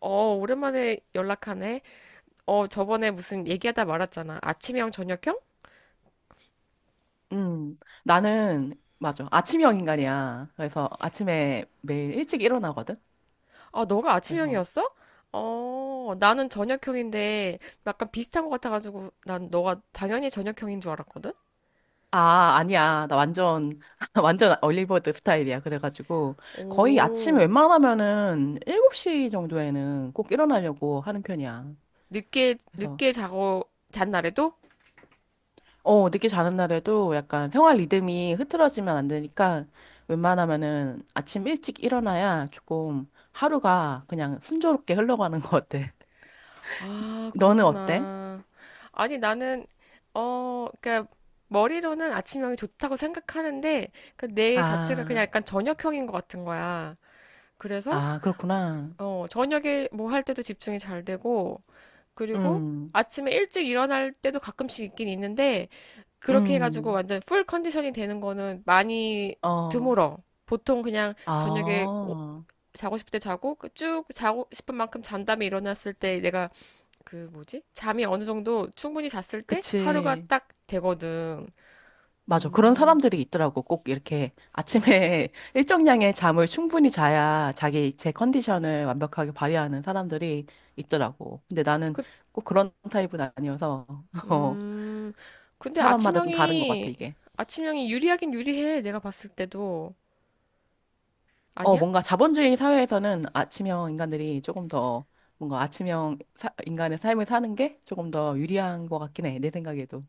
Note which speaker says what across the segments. Speaker 1: 어, 오랜만에 연락하네. 어, 저번에 무슨 얘기하다 말았잖아. 아침형, 저녁형?
Speaker 2: 음, 나는, 맞아. 아침형 인간이야. 그래서 아침에 매일 일찍 일어나거든?
Speaker 1: 아, 너가
Speaker 2: 그래서,
Speaker 1: 아침형이었어? 어, 나는 저녁형인데 약간 비슷한 것 같아가지고 난 너가 당연히 저녁형인 줄 알았거든?
Speaker 2: 아니야. 나 완전, 완전 얼리버드 스타일이야. 거의 아침에
Speaker 1: 오,
Speaker 2: 웬만하면은 7시 정도에는 꼭 일어나려고 하는 편이야.
Speaker 1: 늦게,
Speaker 2: 그래서,
Speaker 1: 늦게 자고 잔 날에도?
Speaker 2: 늦게 자는 날에도 약간 생활 리듬이 흐트러지면 안 되니까, 웬만하면은 아침 일찍 일어나야 조금 하루가 그냥 순조롭게 흘러가는 것 같아.
Speaker 1: 아,
Speaker 2: 너는 어때?
Speaker 1: 그렇구나. 아니, 나는, 그러니까 머리로는 아침형이 좋다고 생각하는데 그 내 자체가 그냥
Speaker 2: 아.
Speaker 1: 약간 저녁형인 것 같은 거야. 그래서
Speaker 2: 아, 그렇구나.
Speaker 1: 저녁에 뭐 할 때도 집중이 잘 되고, 그리고
Speaker 2: 음,
Speaker 1: 아침에 일찍 일어날 때도 가끔씩 있긴 있는데, 그렇게 해가지고
Speaker 2: 음,
Speaker 1: 완전 풀 컨디션이 되는 거는 많이
Speaker 2: 어,
Speaker 1: 드물어. 보통 그냥 저녁에
Speaker 2: 아,
Speaker 1: 자고 싶을 때 자고, 그쭉 자고 싶은 만큼 잔 다음에 일어났을 때 내가 그 뭐지? 잠이 어느 정도 충분히 잤을 때 하루가
Speaker 2: 그치.
Speaker 1: 딱 되거든.
Speaker 2: 맞아. 그런
Speaker 1: 음,
Speaker 2: 사람들이 있더라고. 꼭 이렇게 아침에 일정량의 잠을 충분히 자야 자기 제 컨디션을 완벽하게 발휘하는 사람들이 있더라고. 근데 나는
Speaker 1: 그,
Speaker 2: 꼭 그런 타입은 아니어서, 어,
Speaker 1: 음, 근데
Speaker 2: 사람마다 좀 다른 것 같아,
Speaker 1: 아침형이,
Speaker 2: 이게.
Speaker 1: 아침형이 유리하긴 유리해. 내가 봤을 때도. 아니야?
Speaker 2: 뭔가 자본주의 사회에서는 아침형 인간들이 조금 더 뭔가 인간의 삶을 사는 게 조금 더 유리한 것 같긴 해. 내 생각에도.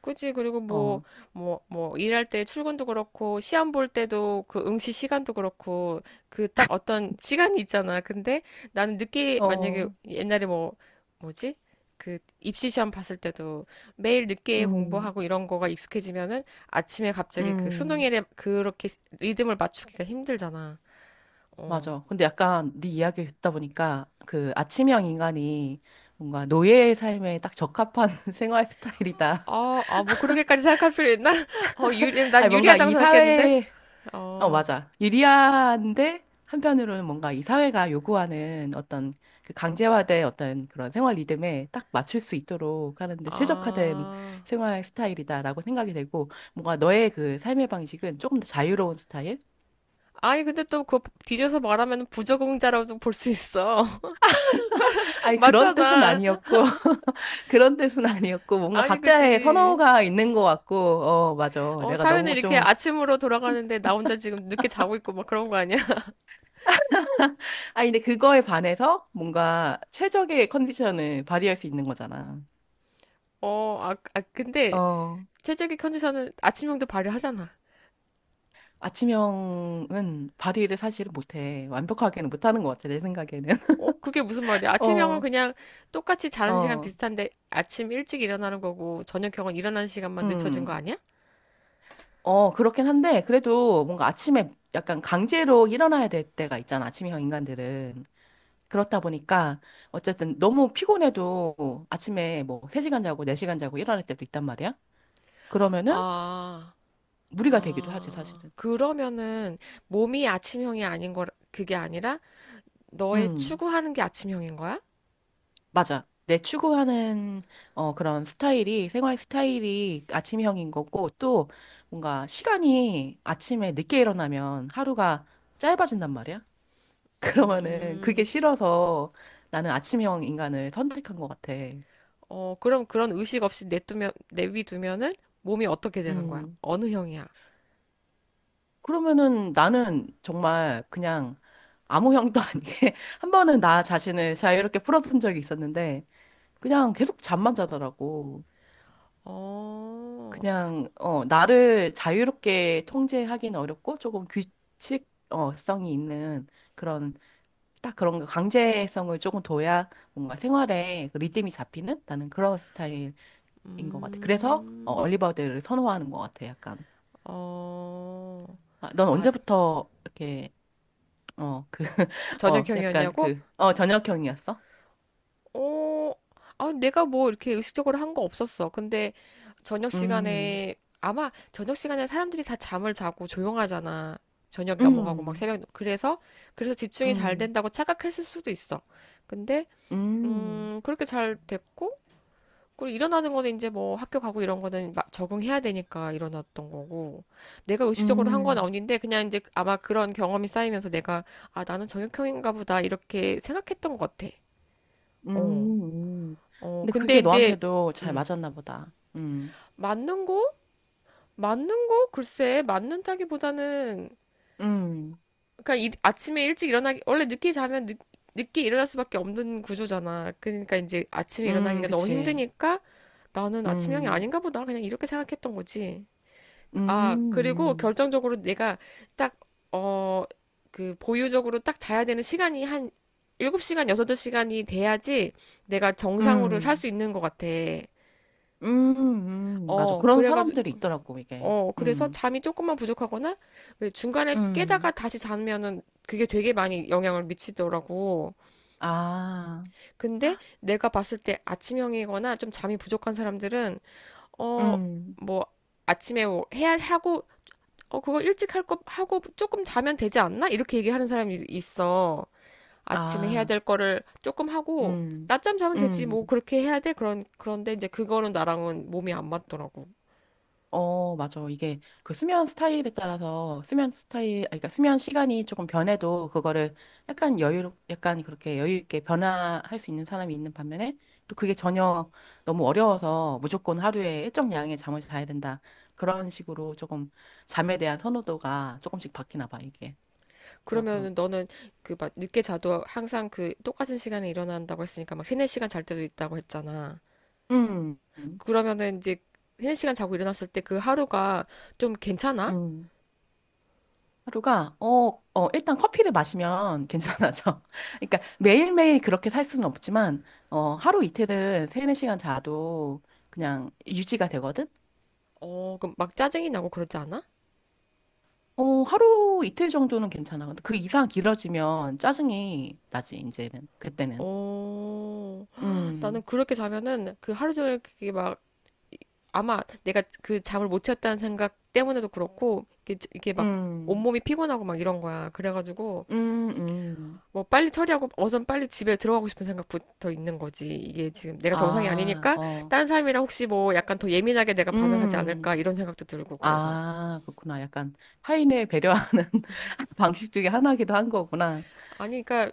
Speaker 1: 그치. 그리고 뭐,
Speaker 2: 어.
Speaker 1: 뭐, 뭐, 일할 때 출근도 그렇고, 시험 볼 때도 그 응시 시간도 그렇고, 그 딱 어떤 시간이 있잖아. 근데 나는 늦게, 만약에
Speaker 2: 어,
Speaker 1: 옛날에 뭐지? 그 입시 시험 봤을 때도 매일 늦게
Speaker 2: 음,
Speaker 1: 공부하고 이런 거가 익숙해지면은 아침에 갑자기 그
Speaker 2: 음,
Speaker 1: 수능일에 그렇게 리듬을 맞추기가 힘들잖아. 어.
Speaker 2: 맞아. 근데 약간 네 이야기를 듣다 보니까 그 아침형 인간이 뭔가 노예의 삶에 딱 적합한 생활 스타일이다.
Speaker 1: 아, 아, 뭐 그렇게까지 생각할 필요 있나? 어, 난
Speaker 2: 아니, 뭔가
Speaker 1: 유리하다고 생각했는데? 어,
Speaker 2: 맞아. 유리한데 한편으로는 뭔가 이 사회가 요구하는 어떤 그 강제화된 어떤 그런 생활 리듬에 딱 맞출 수 있도록 하는데 최적화된
Speaker 1: 아.
Speaker 2: 생활 스타일이다라고 생각이 되고 뭔가 너의 그 삶의 방식은 조금 더 자유로운 스타일?
Speaker 1: 아니, 근데 또 그거 뒤져서 말하면 부적응자라고도 볼 수 있어.
Speaker 2: 아니, 그런 뜻은
Speaker 1: 맞잖아.
Speaker 2: 아니었고. 그런 뜻은 아니었고, 뭔가
Speaker 1: 아니,
Speaker 2: 각자의
Speaker 1: 그지.
Speaker 2: 선호가 있는 것 같고, 맞아.
Speaker 1: 어,
Speaker 2: 내가
Speaker 1: 사회는
Speaker 2: 너무
Speaker 1: 이렇게
Speaker 2: 좀,
Speaker 1: 아침으로 돌아가는데 나 혼자 지금 늦게 자고 있고 막 그런 거 아니야?
Speaker 2: 아, 근데 그거에 반해서 뭔가 최적의 컨디션을 발휘할 수 있는 거잖아.
Speaker 1: 어, 근데
Speaker 2: 어,
Speaker 1: 최적의 컨디션은 아침형도 발휘하잖아.
Speaker 2: 아침형은 발휘를 사실은 못해. 완벽하게는 못하는 것 같아, 내 생각에는.
Speaker 1: 어, 그게 무슨 말이야? 아침형은
Speaker 2: 어,
Speaker 1: 그냥 똑같이 자는 시간
Speaker 2: 어,
Speaker 1: 비슷한데 아침 일찍 일어나는 거고 저녁형은 일어나는 시간만 늦춰진 거
Speaker 2: 음.
Speaker 1: 아니야?
Speaker 2: 그렇긴 한데, 그래도 뭔가 아침에 약간 강제로 일어나야 될 때가 있잖아, 아침형 인간들은. 그렇다 보니까 어쨌든 너무 피곤해도 아침에 뭐 3시간 자고 4시간 자고 일어날 때도 있단 말이야. 그러면은
Speaker 1: 아,
Speaker 2: 무리가 되기도 하지,
Speaker 1: 아,
Speaker 2: 사실은.
Speaker 1: 그러면은 몸이 아침형이 아닌 거, 그게 아니라 너의
Speaker 2: 음,
Speaker 1: 추구하는 게 아침형인 거야?
Speaker 2: 맞아. 내 추구하는 그런 스타일이 생활 스타일이 아침형인 거고 또 뭔가 시간이 아침에 늦게 일어나면 하루가 짧아진단 말이야. 그러면은 그게
Speaker 1: 음,
Speaker 2: 싫어서 나는 아침형 인간을 선택한 것 같아.
Speaker 1: 그럼 그런 의식 없이 내비두면은 몸이 어떻게 되는 거야?
Speaker 2: 음.
Speaker 1: 어느 형이야?
Speaker 2: 그러면은 나는 정말 그냥 아무 형도 아니게 한 번은 나 자신을 자유롭게 풀어둔 적이 있었는데 그냥 계속 잠만 자더라고.
Speaker 1: 어,
Speaker 2: 그냥 나를 자유롭게 통제하기는 어렵고 조금 규칙 성이 있는 그런 딱 그런 거 강제성을 조금 둬야 뭔가 생활에 그 리듬이 잡히는 나는 그런 스타일인 것 같아. 그래서
Speaker 1: 음,
Speaker 2: 리버드를 선호하는 것 같아. 약간
Speaker 1: 어,
Speaker 2: 아, 넌
Speaker 1: 아,
Speaker 2: 언제부터 이렇게 어, 그,
Speaker 1: 저녁형이었냐고?
Speaker 2: 저녁형이었어?
Speaker 1: 어, 아, 내가 뭐 이렇게 의식적으로 한 거 없었어. 근데 저녁
Speaker 2: 음,
Speaker 1: 시간에, 아마 저녁 시간에 사람들이 다 잠을 자고 조용하잖아. 저녁 넘어가고 막
Speaker 2: 음,
Speaker 1: 새벽, 그래서, 그래서 집중이 잘
Speaker 2: 음,
Speaker 1: 된다고 착각했을 수도 있어. 근데
Speaker 2: 음,
Speaker 1: 그렇게 잘 됐고, 그리고 일어나는 거는 이제 뭐 학교 가고 이런 거는 막 적응해야 되니까 일어났던 거고, 내가 의식적으로 한 건
Speaker 2: 음,
Speaker 1: 아닌데, 그냥 이제 아마 그런 경험이 쌓이면서 내가, 아, 나는 정형외과인가 보다, 이렇게 생각했던 것 같아. 어,
Speaker 2: 음. 음.
Speaker 1: 어,
Speaker 2: 근데
Speaker 1: 근데
Speaker 2: 그게
Speaker 1: 이제,
Speaker 2: 너한테도 잘
Speaker 1: 음,
Speaker 2: 맞았나 보다.
Speaker 1: 맞는 거? 맞는 거? 글쎄, 맞는다기보다는,
Speaker 2: 음,
Speaker 1: 그러니까 아침에 일찍 일어나기 원래 늦게 자면 늦게 일어날 수밖에 없는 구조잖아. 그러니까 이제 아침에 일어나기가 너무
Speaker 2: 그치.
Speaker 1: 힘드니까 나는 아침형이
Speaker 2: 음,
Speaker 1: 아닌가 보다 그냥 이렇게 생각했던 거지. 아,
Speaker 2: 음,
Speaker 1: 그리고
Speaker 2: 음,
Speaker 1: 결정적으로 내가 딱 어, 그 보유적으로 딱 자야 되는 시간이 한 7시간, 6시간이 돼야지 내가 정상으로 살
Speaker 2: 음,
Speaker 1: 수 있는 것 같아.
Speaker 2: 맞아.
Speaker 1: 어,
Speaker 2: 그런
Speaker 1: 그래가지고
Speaker 2: 사람들이 있더라고, 이게.
Speaker 1: 그래서
Speaker 2: 음,
Speaker 1: 잠이 조금만 부족하거나 왜 중간에 깨다가
Speaker 2: 음,
Speaker 1: 다시 자면은 그게 되게 많이 영향을 미치더라고.
Speaker 2: 아,
Speaker 1: 근데 내가 봤을 때 아침형이거나 좀 잠이 부족한 사람들은 어,
Speaker 2: 음,
Speaker 1: 뭐 아침에 뭐 해야 하고 어, 그거 일찍 할 거 하고 조금 자면 되지 않나? 이렇게 얘기하는 사람이 있어. 아침에 해야
Speaker 2: 아,
Speaker 1: 될 거를 조금 하고
Speaker 2: 음,
Speaker 1: 낮잠 자면 되지.
Speaker 2: 음.
Speaker 1: 뭐 그렇게 해야 돼. 그런데 이제 그거는 나랑은 몸이 안 맞더라고.
Speaker 2: 맞아. 이게 그 수면 스타일에 따라서 수면 스타일, 아니, 그러니까 수면 시간이 조금 변해도 그거를 약간 그렇게 여유 있게 변화할 수 있는 사람이 있는 반면에 또 그게 전혀 너무 어려워서 무조건 하루에 일정 양의 잠을 자야 된다. 그런 식으로 조금 잠에 대한 선호도가 조금씩 바뀌나 봐, 이게. 막 그런.
Speaker 1: 그러면은 너는 그 막 늦게 자도 항상 그 똑같은 시간에 일어난다고 했으니까 막 세네 시간 잘 때도 있다고 했잖아.
Speaker 2: 음,
Speaker 1: 그러면은 이제 세네 시간 자고 일어났을 때 그 하루가 좀 괜찮아?
Speaker 2: 음. 하루가 일단 커피를 마시면 괜찮아져. 그러니까 매일매일 그렇게 살 수는 없지만 하루 이틀은 세네 시간 자도 그냥 유지가 되거든.
Speaker 1: 어, 그럼 막 짜증이 나고 그러지 않아?
Speaker 2: 하루 이틀 정도는 괜찮아. 근데 그 이상 길어지면 짜증이 나지 이제는, 그때는.
Speaker 1: 어, 나는
Speaker 2: 음.
Speaker 1: 그렇게 자면은 그 하루 종일 그게 막 아마 내가 그 잠을 못 잤다는 생각 때문에도 그렇고 이게 막
Speaker 2: 음.
Speaker 1: 온몸이 피곤하고 막 이런 거야. 그래가지고
Speaker 2: 음. 음.
Speaker 1: 뭐 빨리 처리하고 어선 빨리 집에 들어가고 싶은 생각부터 있는 거지. 이게 지금 내가 정상이
Speaker 2: 아,
Speaker 1: 아니니까
Speaker 2: 어.
Speaker 1: 다른 사람이랑 혹시 뭐 약간 더 예민하게 내가 반응하지 않을까
Speaker 2: 음.
Speaker 1: 이런 생각도 들고 그래서.
Speaker 2: 아, 그렇구나. 약간 타인을 배려하는 방식 중에 하나기도 한 거구나.
Speaker 1: 아니 그러니까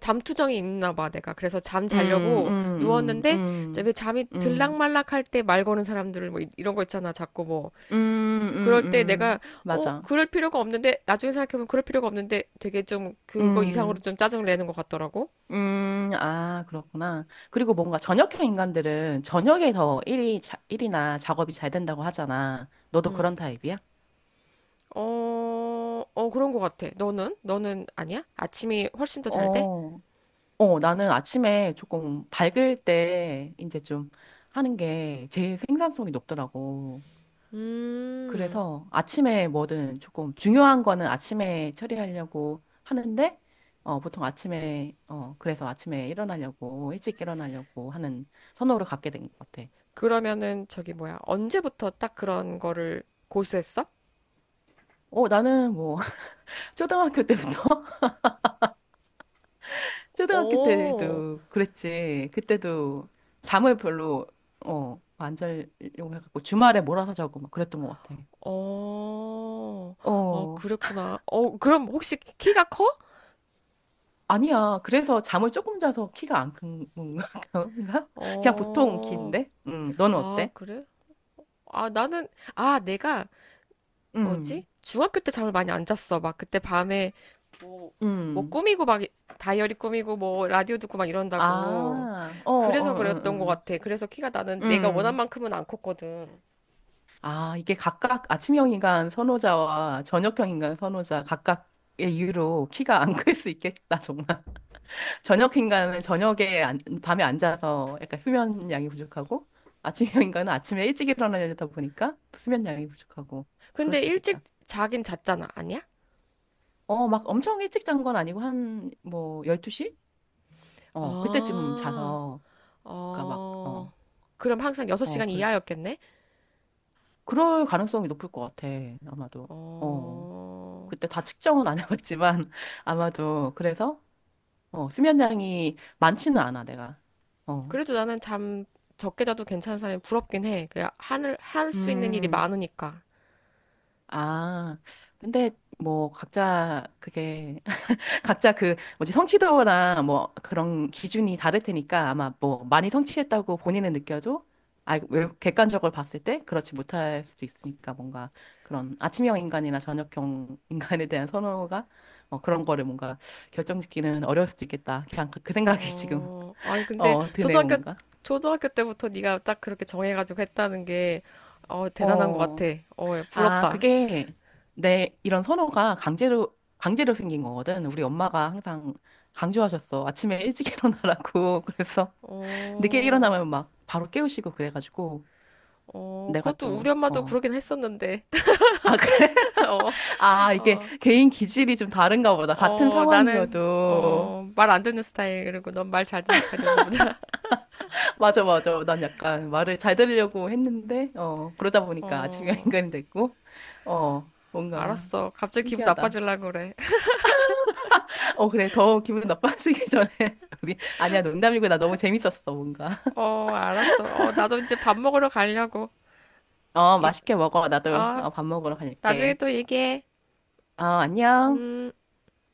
Speaker 1: 잠투정이 있나 봐 내가. 그래서 잠
Speaker 2: 음,
Speaker 1: 자려고
Speaker 2: 음, 음,
Speaker 1: 누웠는데 이제 왜
Speaker 2: 음,
Speaker 1: 잠이
Speaker 2: 음,
Speaker 1: 들락말락할 때 말 거는 사람들 뭐 이런 거 있잖아. 자꾸 뭐 그럴 때 내가
Speaker 2: 맞아.
Speaker 1: 그럴 필요가 없는데 나중에 생각해보면 그럴 필요가 없는데 되게 좀 그거 이상으로
Speaker 2: 음,
Speaker 1: 좀 짜증을 내는 것 같더라고.
Speaker 2: 아, 그렇구나. 그리고 뭔가 저녁형 인간들은 저녁에 더 일이나 작업이 잘 된다고 하잖아. 너도
Speaker 1: 음.
Speaker 2: 그런 타입이야?
Speaker 1: 어, 어, 그런 것 같아. 너는? 너는 아니야? 아침이 훨씬 더 잘 돼?
Speaker 2: 어, 나는 아침에 조금 밝을 때 이제 좀 하는 게 제일 생산성이 높더라고.
Speaker 1: 음,
Speaker 2: 그래서 아침에 뭐든 조금 중요한 거는 아침에 처리하려고 하는데, 보통 그래서 아침에 일찍 일어나려고 하는 선호를 갖게 된 것 같아.
Speaker 1: 그러면은 저기 뭐야. 언제부터 딱 그런 거를 고수했어?
Speaker 2: 나는 뭐, 초등학교 때부터, 초등학교
Speaker 1: 오,
Speaker 2: 때도 그랬지. 그때도 잠을 별로 안 자려고 해갖고 주말에 몰아서 자고 막 그랬던 것 같아.
Speaker 1: 어, 어,
Speaker 2: 어,
Speaker 1: 그랬구나. 어, 그럼 혹시 키가 커?
Speaker 2: 아니야. 그래서 잠을 조금 자서 키가 안 큰 건가? 그런가? 그냥 보통
Speaker 1: 어,
Speaker 2: 키인데? 응 너는
Speaker 1: 아,
Speaker 2: 어때?
Speaker 1: 그래? 아, 나는, 아, 내가
Speaker 2: 음,
Speaker 1: 뭐지? 중학교 때 잠을 많이 안 잤어. 막 그때 밤에 뭐, 뭐
Speaker 2: 음.
Speaker 1: 꾸미고 막 다이어리 꾸미고 뭐 라디오 듣고 막 이런다고.
Speaker 2: 아,
Speaker 1: 그래서 그랬던 것 같아. 그래서 키가 나는 내가 원한
Speaker 2: 음.
Speaker 1: 만큼은 안 컸거든.
Speaker 2: 아, 이게 각각 아침형 인간 선호자와 저녁형 인간 선호자 각각의 이유로 키가 안 클 수 있겠다, 정말. 저녁 인간은 저녁에 안, 밤에 앉아서 약간 수면 양이 부족하고, 아침형 인간은 아침에 일찍 일어나려다 보니까 수면 양이 부족하고, 그럴
Speaker 1: 근데
Speaker 2: 수
Speaker 1: 일찍
Speaker 2: 있겠다.
Speaker 1: 자긴 잤잖아. 아니야?
Speaker 2: 막 엄청 일찍 잔 건 아니고, 12시? 그때쯤
Speaker 1: 아,
Speaker 2: 자서, 그니까 막, 어,
Speaker 1: 어, 그럼 항상
Speaker 2: 어,
Speaker 1: 6시간
Speaker 2: 그래.
Speaker 1: 이하였겠네?
Speaker 2: 그럴 가능성이 높을 것 같아, 아마도. 어,
Speaker 1: 어,
Speaker 2: 그때 다 측정은 안 해봤지만, 아마도. 수면량이 많지는 않아, 내가. 어.
Speaker 1: 그래도 나는 잠 적게 자도 괜찮은 사람이 부럽긴 해. 그냥 할 수 있는 일이
Speaker 2: 음,
Speaker 1: 많으니까.
Speaker 2: 아, 근데 뭐, 각자 그 뭐지 성취도나 뭐 그런 기준이 다를 테니까 아마 뭐 많이 성취했다고 본인은 느껴도 아, 왜 객관적으로 봤을 때 그렇지 못할 수도 있으니까 뭔가 그런 아침형 인간이나 저녁형 인간에 대한 선호가 그런 거를 뭔가 결정짓기는 어려울 수도 있겠다. 그 생각이 지금
Speaker 1: 어, 아니 근데
Speaker 2: 드네 뭔가.
Speaker 1: 초등학교 때부터 네가 딱 그렇게 정해가지고 했다는 게 대단한 것 같아.
Speaker 2: 어.
Speaker 1: 어, 예,
Speaker 2: 아,
Speaker 1: 부럽다.
Speaker 2: 그게 내 이런 선호가 강제로 생긴 거거든. 우리 엄마가 항상 강조하셨어. 아침에 일찍 일어나라고. 그래서 늦게
Speaker 1: 어,
Speaker 2: 일어나면 막 바로 깨우시고 그래가지고
Speaker 1: 어,
Speaker 2: 내가
Speaker 1: 그것도 우리
Speaker 2: 또
Speaker 1: 엄마도
Speaker 2: 어.
Speaker 1: 그러긴 했었는데.
Speaker 2: 아, 그래?
Speaker 1: 어,
Speaker 2: 아, 이게
Speaker 1: 어,
Speaker 2: 개인 기질이 좀 다른가 보다. 같은
Speaker 1: 어, 나는
Speaker 2: 상황이어도.
Speaker 1: 말 안 듣는 스타일 그리고 넌 말 잘 듣는 스타일이었나 보다.
Speaker 2: 맞아, 맞아. 난 약간 말을 잘 들으려고 했는데, 그러다 보니까 아침형
Speaker 1: 어,
Speaker 2: 인간이 됐고, 어, 뭔가
Speaker 1: 알았어. 갑자기 기분
Speaker 2: 신기하다.
Speaker 1: 나빠지려고 그래.
Speaker 2: 어, 그래. 더 기분 나빠지기 전에. 우리, 아니야, 농담이고. 나 너무 재밌었어, 뭔가.
Speaker 1: 어, 알았어. 어, 나도 이제 밥 먹으러 가려고.
Speaker 2: 어,
Speaker 1: 이,
Speaker 2: 맛있게 먹어. 나도
Speaker 1: 아,
Speaker 2: 밥 먹으러
Speaker 1: 나중에
Speaker 2: 갈게.
Speaker 1: 또 얘기해.
Speaker 2: 어, 안녕.